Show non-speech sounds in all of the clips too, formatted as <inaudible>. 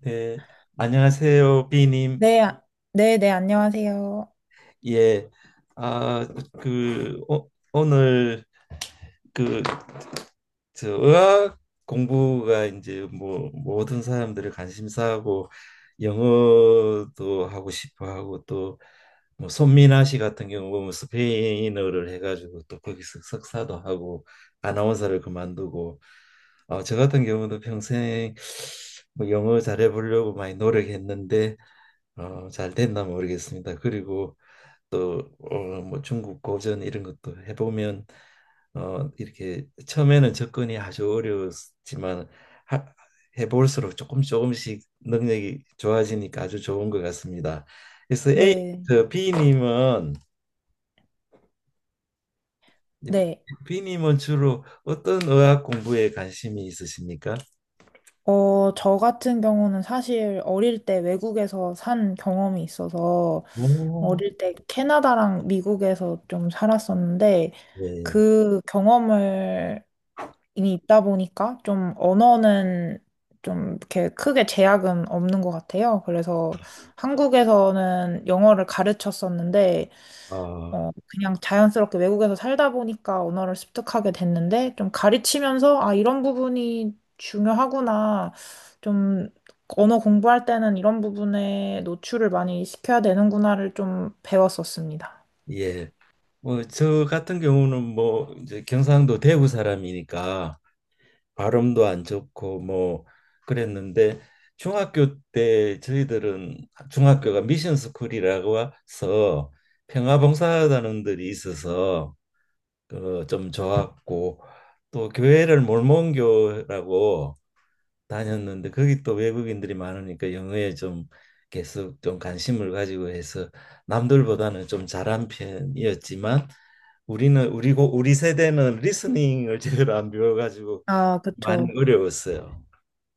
네, 안녕하세요, 비님. 네, 네, 네, 안녕하세요. 예, 아, 그 오늘 그저 의학 공부가 이제 뭐 모든 사람들의 관심사고, 영어도 하고 싶어 하고, 또뭐 손민아 씨 같은 경우 보면 스페인어를 해가지고 또 거기서 석사도 하고 아나운서를 그만두고, 저 같은 경우도 평생 뭐 영어 잘해보려고 많이 노력했는데 잘 됐나 모르겠습니다. 그리고 또 뭐 중국 고전 이런 것도 해보면 이렇게 처음에는 접근이 아주 어려웠지만, 하, 해볼수록 조금 조금씩 능력이 좋아지니까 아주 좋은 것 같습니다. 그래서 A, 네. 저 B님은 네. B님은 주로 어떤 의학 공부에 관심이 있으십니까? 저 같은 경우는 사실 어릴 때 외국에서 산 경험이 있어서 오, 어릴 때 캐나다랑 미국에서 좀 살았었는데 예, 그 경험을 이미 있다 보니까 좀 언어는 좀 이렇게 크게 제약은 없는 것 같아요. 그래서 한국에서는 영어를 가르쳤었는데 어, 그냥 자연스럽게 외국에서 살다 보니까 언어를 습득하게 됐는데, 좀 가르치면서, 아, 이런 부분이 중요하구나. 좀, 언어 공부할 때는 이런 부분에 노출을 많이 시켜야 되는구나를 좀 배웠었습니다. 예. 뭐 저 같은 경우는 뭐 이제 경상도 대구 사람이니까 발음도 안 좋고 뭐 그랬는데, 중학교 때 저희들은 중학교가 미션 스쿨이라고 해서 평화봉사단원들이 있어서 그 좀 좋았고, 또 교회를 몰몬교라고 다녔는데 거기 또 외국인들이 많으니까 영어에 좀 계속 좀 관심을 가지고 해서 남들보다는 좀 잘한 편이었지만, 우리는 우리고 우리 세대는 리스닝을 제대로 안 배워가지고 아, 많이 그쵸. 어려웠어요.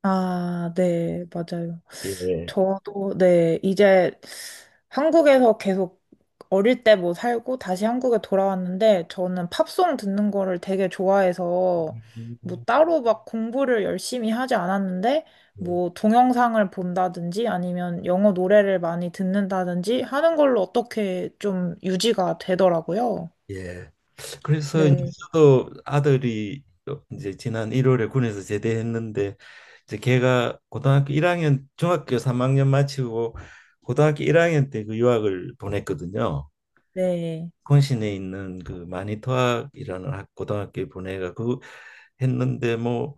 아, 네, 맞아요. 예. 저도, 네, 이제 한국에서 계속 어릴 때 뭐 살고 다시 한국에 돌아왔는데 저는 팝송 듣는 거를 되게 좋아해서 뭐 음, 따로 막 공부를 열심히 하지 않았는데 예. 뭐 동영상을 본다든지 아니면 영어 노래를 많이 듣는다든지 하는 걸로 어떻게 좀 유지가 되더라고요. 예. 그래서 이제 네, 저도 아들이 이제 지난 1월에 군에서 제대했는데, 이제 걔가 고등학교 1학년, 중학교 3학년 마치고 고등학교 1학년 때 그 유학을 보냈거든요. 네, 콘신에 있는 그 마니토학이라는 고등학교에 보내가 그 했는데, 뭐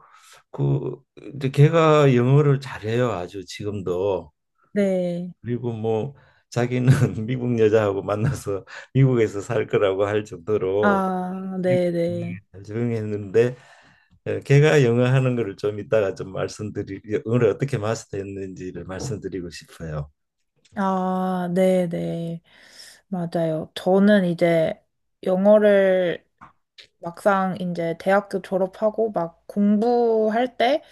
그 이제 걔가 영어를 잘해요. 아주 지금도. 네. 그리고 뭐 자기는 <laughs> 미국 여자하고 만나서 미국에서 살 거라고 할 정도로 아, 네, 네. 조용했는데, 걔가 영어 하는 거를 좀 이따가 좀 말씀드리 영어를 어떻게 마스터했는지를 말씀드리고 싶어요. 아, 네네. 맞아요. 저는 이제 영어를 막상 이제 대학교 졸업하고 막 공부할 때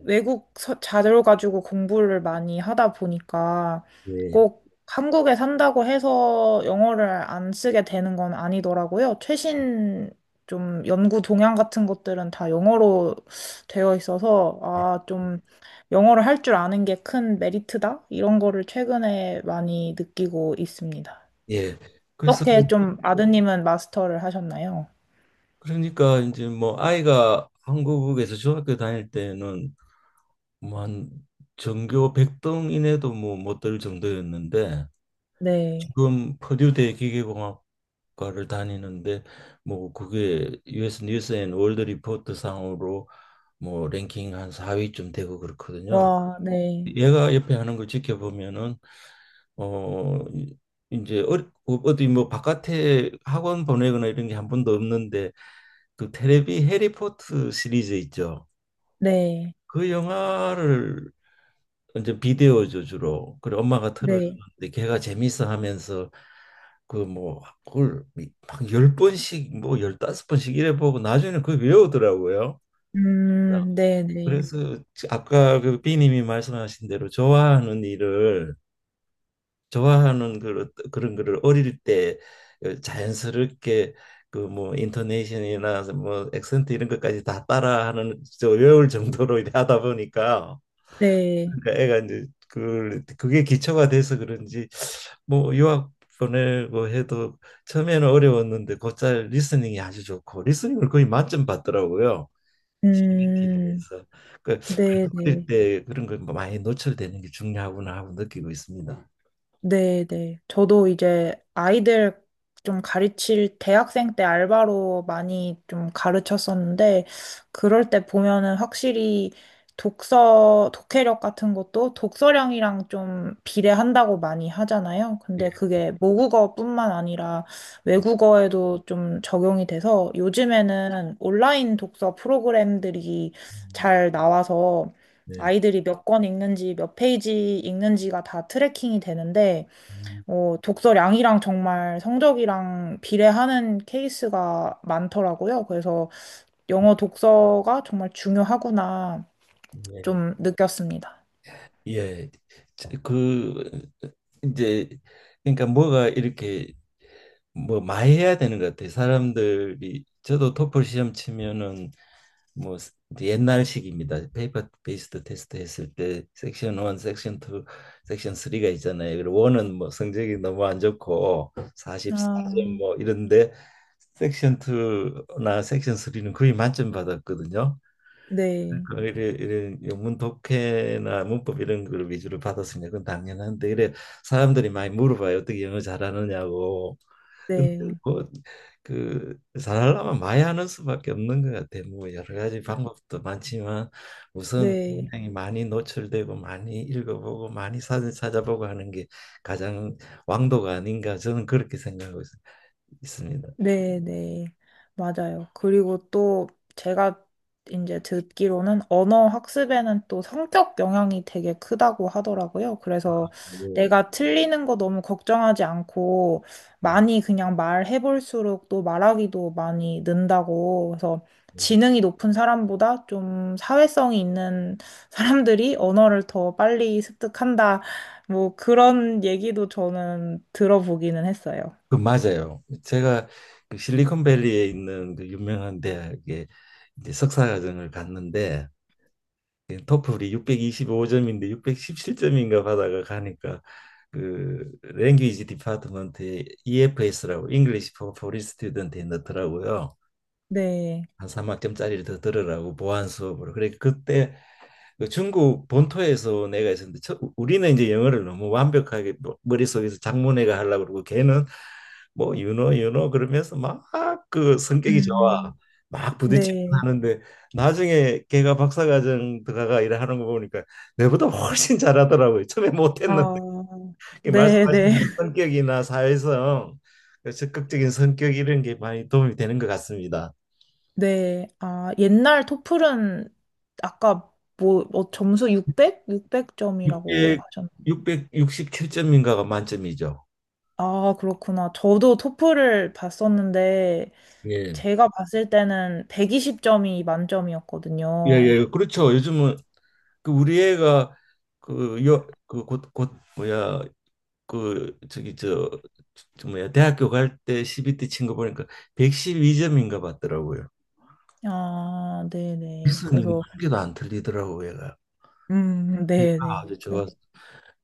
외국 자료 가지고 공부를 많이 하다 보니까 예. 꼭 한국에 산다고 해서 영어를 안 쓰게 되는 건 아니더라고요. 최신 좀 연구 동향 같은 것들은 다 영어로 되어 있어서 예. 아, 좀 영어를 할 줄 아는 게 큰 메리트다? 이런 거를 최근에 많이 느끼고 있습니다. 예. 그래서 어떻게 좀 아드님은 마스터를 하셨나요? 그러니까 이제 뭐 아이가 한국에서 중학교 다닐 때는 뭐 한 전교 100등 이내도 뭐 못 들 정도였는데, 네. 지금 퍼듀대 기계공학과를 다니는데 뭐 그게 US 뉴스 앤 월드 리포트 상으로 뭐 랭킹 한 4위쯤 되고 그렇거든요. 와, 네, 얘가 옆에 하는 걸 지켜보면은, 어 이- 제 어, 어디 뭐 바깥에 학원 보내거나 이런 게 한 번도 없는데, 그 테레비 해리포트 시리즈 있죠. 네, 그 영화를 이제 비디오죠 주로. 그리고 엄마가 네, 틀어주는데 걔가 재밌어 하면서 그 뭐 그걸 막열 번씩 뭐 열다섯 번씩 이래 보고 나중에는 그걸 외우더라고요. 네, 네, 그래서 아까 그 비님이 말씀하신 대로 좋아하는 일을, 좋아하는 그 그런 거를 어릴 때 그 자연스럽게 그 뭐 인토네이션이나 뭐 액센트 이런 것까지 다 따라하는, 저 외울 정도로 이렇게 하다 보니까, 네, 그러니까 애가 이제 그 그게 기초가 돼서 그런지 뭐 유학 보내고 해도 처음에는 어려웠는데 곧잘 리스닝이 아주 좋고 리스닝을 거의 만점 받더라고요. 시 b 티를 음, 해서. 그 네, 어릴 네. 때 그런 걸 뭐 많이 노출되는 게 중요하구나 하고 느끼고 있습니다. 네, 네. 저도 이제 아이들 좀 가르칠 대학생 때 알바로 많이 좀 가르쳤었는데, 그럴 때 보면은 확실히 독서, 독해력 같은 것도 독서량이랑 좀 비례한다고 많이 하잖아요. 예. 근데 그게 모국어뿐만 아니라 외국어에도 좀 적용이 돼서 요즘에는 온라인 독서 프로그램들이 음, 잘 나와서 네. 아이들이 몇 권 읽는지, 몇 페이지 읽는지가 다 트래킹이 되는데, 음, 독서량이랑 정말 성적이랑 비례하는 케이스가 많더라고요. 그래서 영어 독서가 정말 중요하구나 예. 좀 느꼈습니다. 예. 그 이제 그러니까 뭐가 이렇게 뭐 많이 해야 되는 것 같아요. 사람들이, 저도 토플 시험 치면은 뭐 옛날식입니다. 페이퍼 베이스드 테스트 했을 때 섹션 1, 섹션 2, 섹션 3가 있잖아요. 그리고 1은 뭐 성적이 너무 안 좋고 44점 아, 뭐 이런데, 섹션 2나 섹션 3는 거의 만점 받았거든요. 네, 이런 영문 독해나 문법 이런 걸 위주로 받았으니까 그건 당연한데, 이래 사람들이 많이 물어봐요. 어떻게 영어 잘하느냐고. 네, 뭐그 잘하려면 많이 하는 수밖에 없는 것 같아. 뭐 여러 가지 방법도 많지만 우선 네. 굉장히 많이 노출되고 많이 읽어보고 많이 사진 찾아보고 하는 게 가장 왕도가 아닌가, 저는 그렇게 생각하고 있습니다. 네네. 맞아요. 그리고 또 제가 이제 듣기로는 언어 학습에는 또 성격 영향이 되게 크다고 하더라고요. 그래서 예. 내가 틀리는 거 너무 걱정하지 않고 많이 그냥 말해볼수록 또 말하기도 많이 는다고. 그래서 지능이 높은 사람보다 좀 사회성이 있는 <laughs> 사람들이 언어를 더 빨리 습득한다. 뭐 그런 얘기도 저는 들어보기는 했어요. 그 맞아요. 제가 그 실리콘밸리에 있는 그 유명한 대학에 이제 석사 과정을 갔는데, 예, 토플이 625점인데 617점인가 받아가 가니까 그 랭귀지 디파트먼트에 EFS라고, English for Foreign Student에 넣더라고요. 네. 한 3학점짜리를 더 들으라고 보안 수업으로. 그래 그때, 그 중국 본토에서 내가 있었는데, 우리는 이제 영어를 너무 완벽하게 머릿속에서 장문회가 하려고 그러고, 걔는 뭐 유노 유노 그러면서 막, 그 성격이 음. 좋아 막 부딪히고 네. 하는데, 나중에 걔가 박사과정 들어가 일하는 거 보니까 내보다 훨씬 잘하더라고요. 처음에 못했는데. 아, 이 네, 말씀하신 네. 대로 <laughs> 성격이나 사회성, 그 적극적인 성격 이런 게 많이 도움이 되는 것 같습니다. 네. 아, 옛날 토플은 아까 뭐 점수 600? 6 600점이라고 하셨나? 667점인가가 만점이죠. 아, 그렇구나. 저도 토플을 봤었는데 예. 제가 봤을 때는 120점이 예, 만점이었거든요. 예, 그렇죠. 요즘은 그 우리 애가, 그 여 그 곧 뭐야, 그 저기 저 뭐야, 대학교 갈 때 CBT 친 거 보니까 112점인가 봤더라고요. 아, 네, 리 네. 스이 그래서 한 개도 안 틀리더라고요, 얘가. 얘가 네, 네. 아주 좋 아어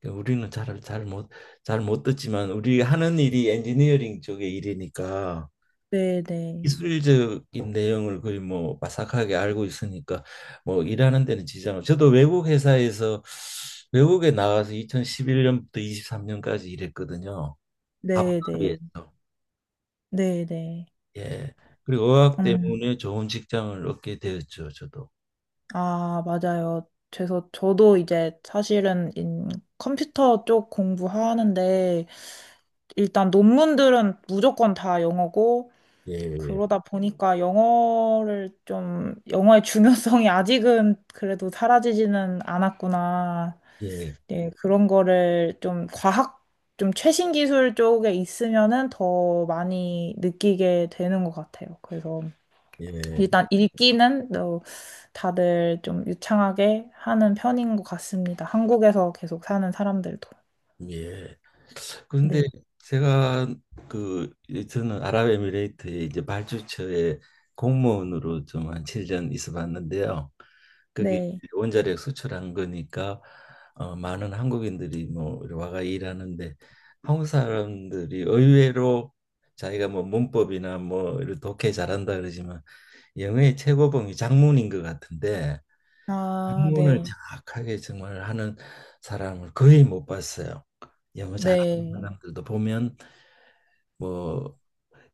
그러니까 우리는 잘 못 듣지만 우리 하는 일이 엔지니어링 쪽의 일이니까 네, 네. 기술적인 내용을 거의 뭐 바삭하게 알고 있으니까 뭐 일하는 데는 지장 없. 저도 외국 회사에서, 외국에 나가서 2011년부터 23년까지 일했거든요. 네, 네. 아부다비에서. 네, 네. 예. 그리고 어학 음. 때문에 좋은 직장을 얻게 되었죠, 저도. 아, 맞아요. 그래서 저도 이제 사실은 컴퓨터 쪽 공부하는데 일단 논문들은 무조건 다 영어고 예. 그러다 보니까 영어를 좀 영어의 중요성이 아직은 그래도 사라지지는 않았구나. 예. 네, 그런 거를 좀 과학 좀 최신 기술 쪽에 있으면은 더 많이 느끼게 되는 것 같아요. 그래서 예. 일단 읽기는 다들 좀 유창하게 하는 편인 것 같습니다. 한국에서 계속 사는 사람들도. 예. 그런데 네. 제가 그 저는 아랍에미레이트에 이제 발주처에 공무원으로 좀 한 7년 있어 봤는데요. 그게 네. 이제 원자력 수출한 거니까, 많은 한국인들이 뭐 이리 와가 일하는데, 한국 사람들이 의외로 자기가 뭐 문법이나 뭐 이런 독해 잘한다 그러지만 영어의 최고봉이 작문인 것 같은데, 아, 작문을 네. 정확하게 정말 하는 사람을 거의 못 봤어요. 영어 잘하는 네. 사람들도 보면 뭐,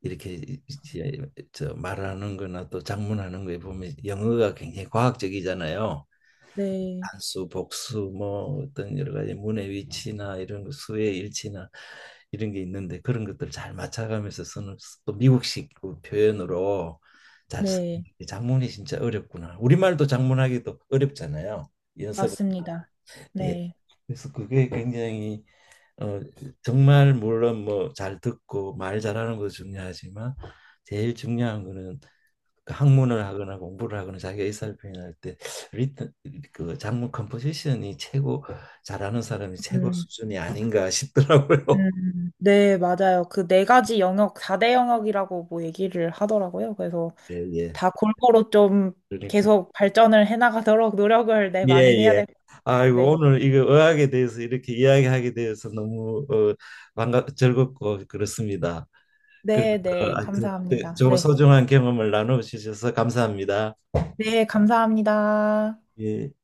이렇게 이제 저 말하는 거나 또 작문하는 거에 보면 영어가 굉장히 과학적이잖아요. 네. 단수, 복수, 뭐 어떤 여러 가지 문의 위치나 이런 거 수의 일치나 이런 게 있는데, 그런 것들 잘 맞춰가면서 쓰는, 또 미국식 그 표현으로 잘 쓰는 네. 게 장문이 진짜 어렵구나. 우리말도 장문하기도 어렵잖아요. 연습을. 맞습니다. 예. 네. 그래서 그게 굉장히, 어, 정말 물론 뭐 잘 듣고 말 잘하는 것도 중요하지만 제일 중요한 거는 그 학문을 하거나 공부를 하거나 자기가 의사를 표현할 때, 리듬, 그 장문 컴포지션이 최고 잘하는 사람이 최고 음. 수준이 아닌가 싶더라고요. <laughs> 음. 네, 맞아요. 그 네 가지 영역, 4대 영역이라고 뭐 얘기를 하더라고요. 그래서 예, 예. 다 골고루 좀 그러니까, 계속 발전을 해나가도록 노력을 네, 예, 많이 해야 예. 될 것 같아요. 아이고 네. 오늘 이거 의학에 대해서 이렇게 이야기하게 되어서 너무 반갑 즐겁고 그렇습니다. 그래서 네, 네. 하여튼 감사합니다. 저 네. 소중한 경험을 나누셔서 감사합니다. 네, 감사합니다. 예.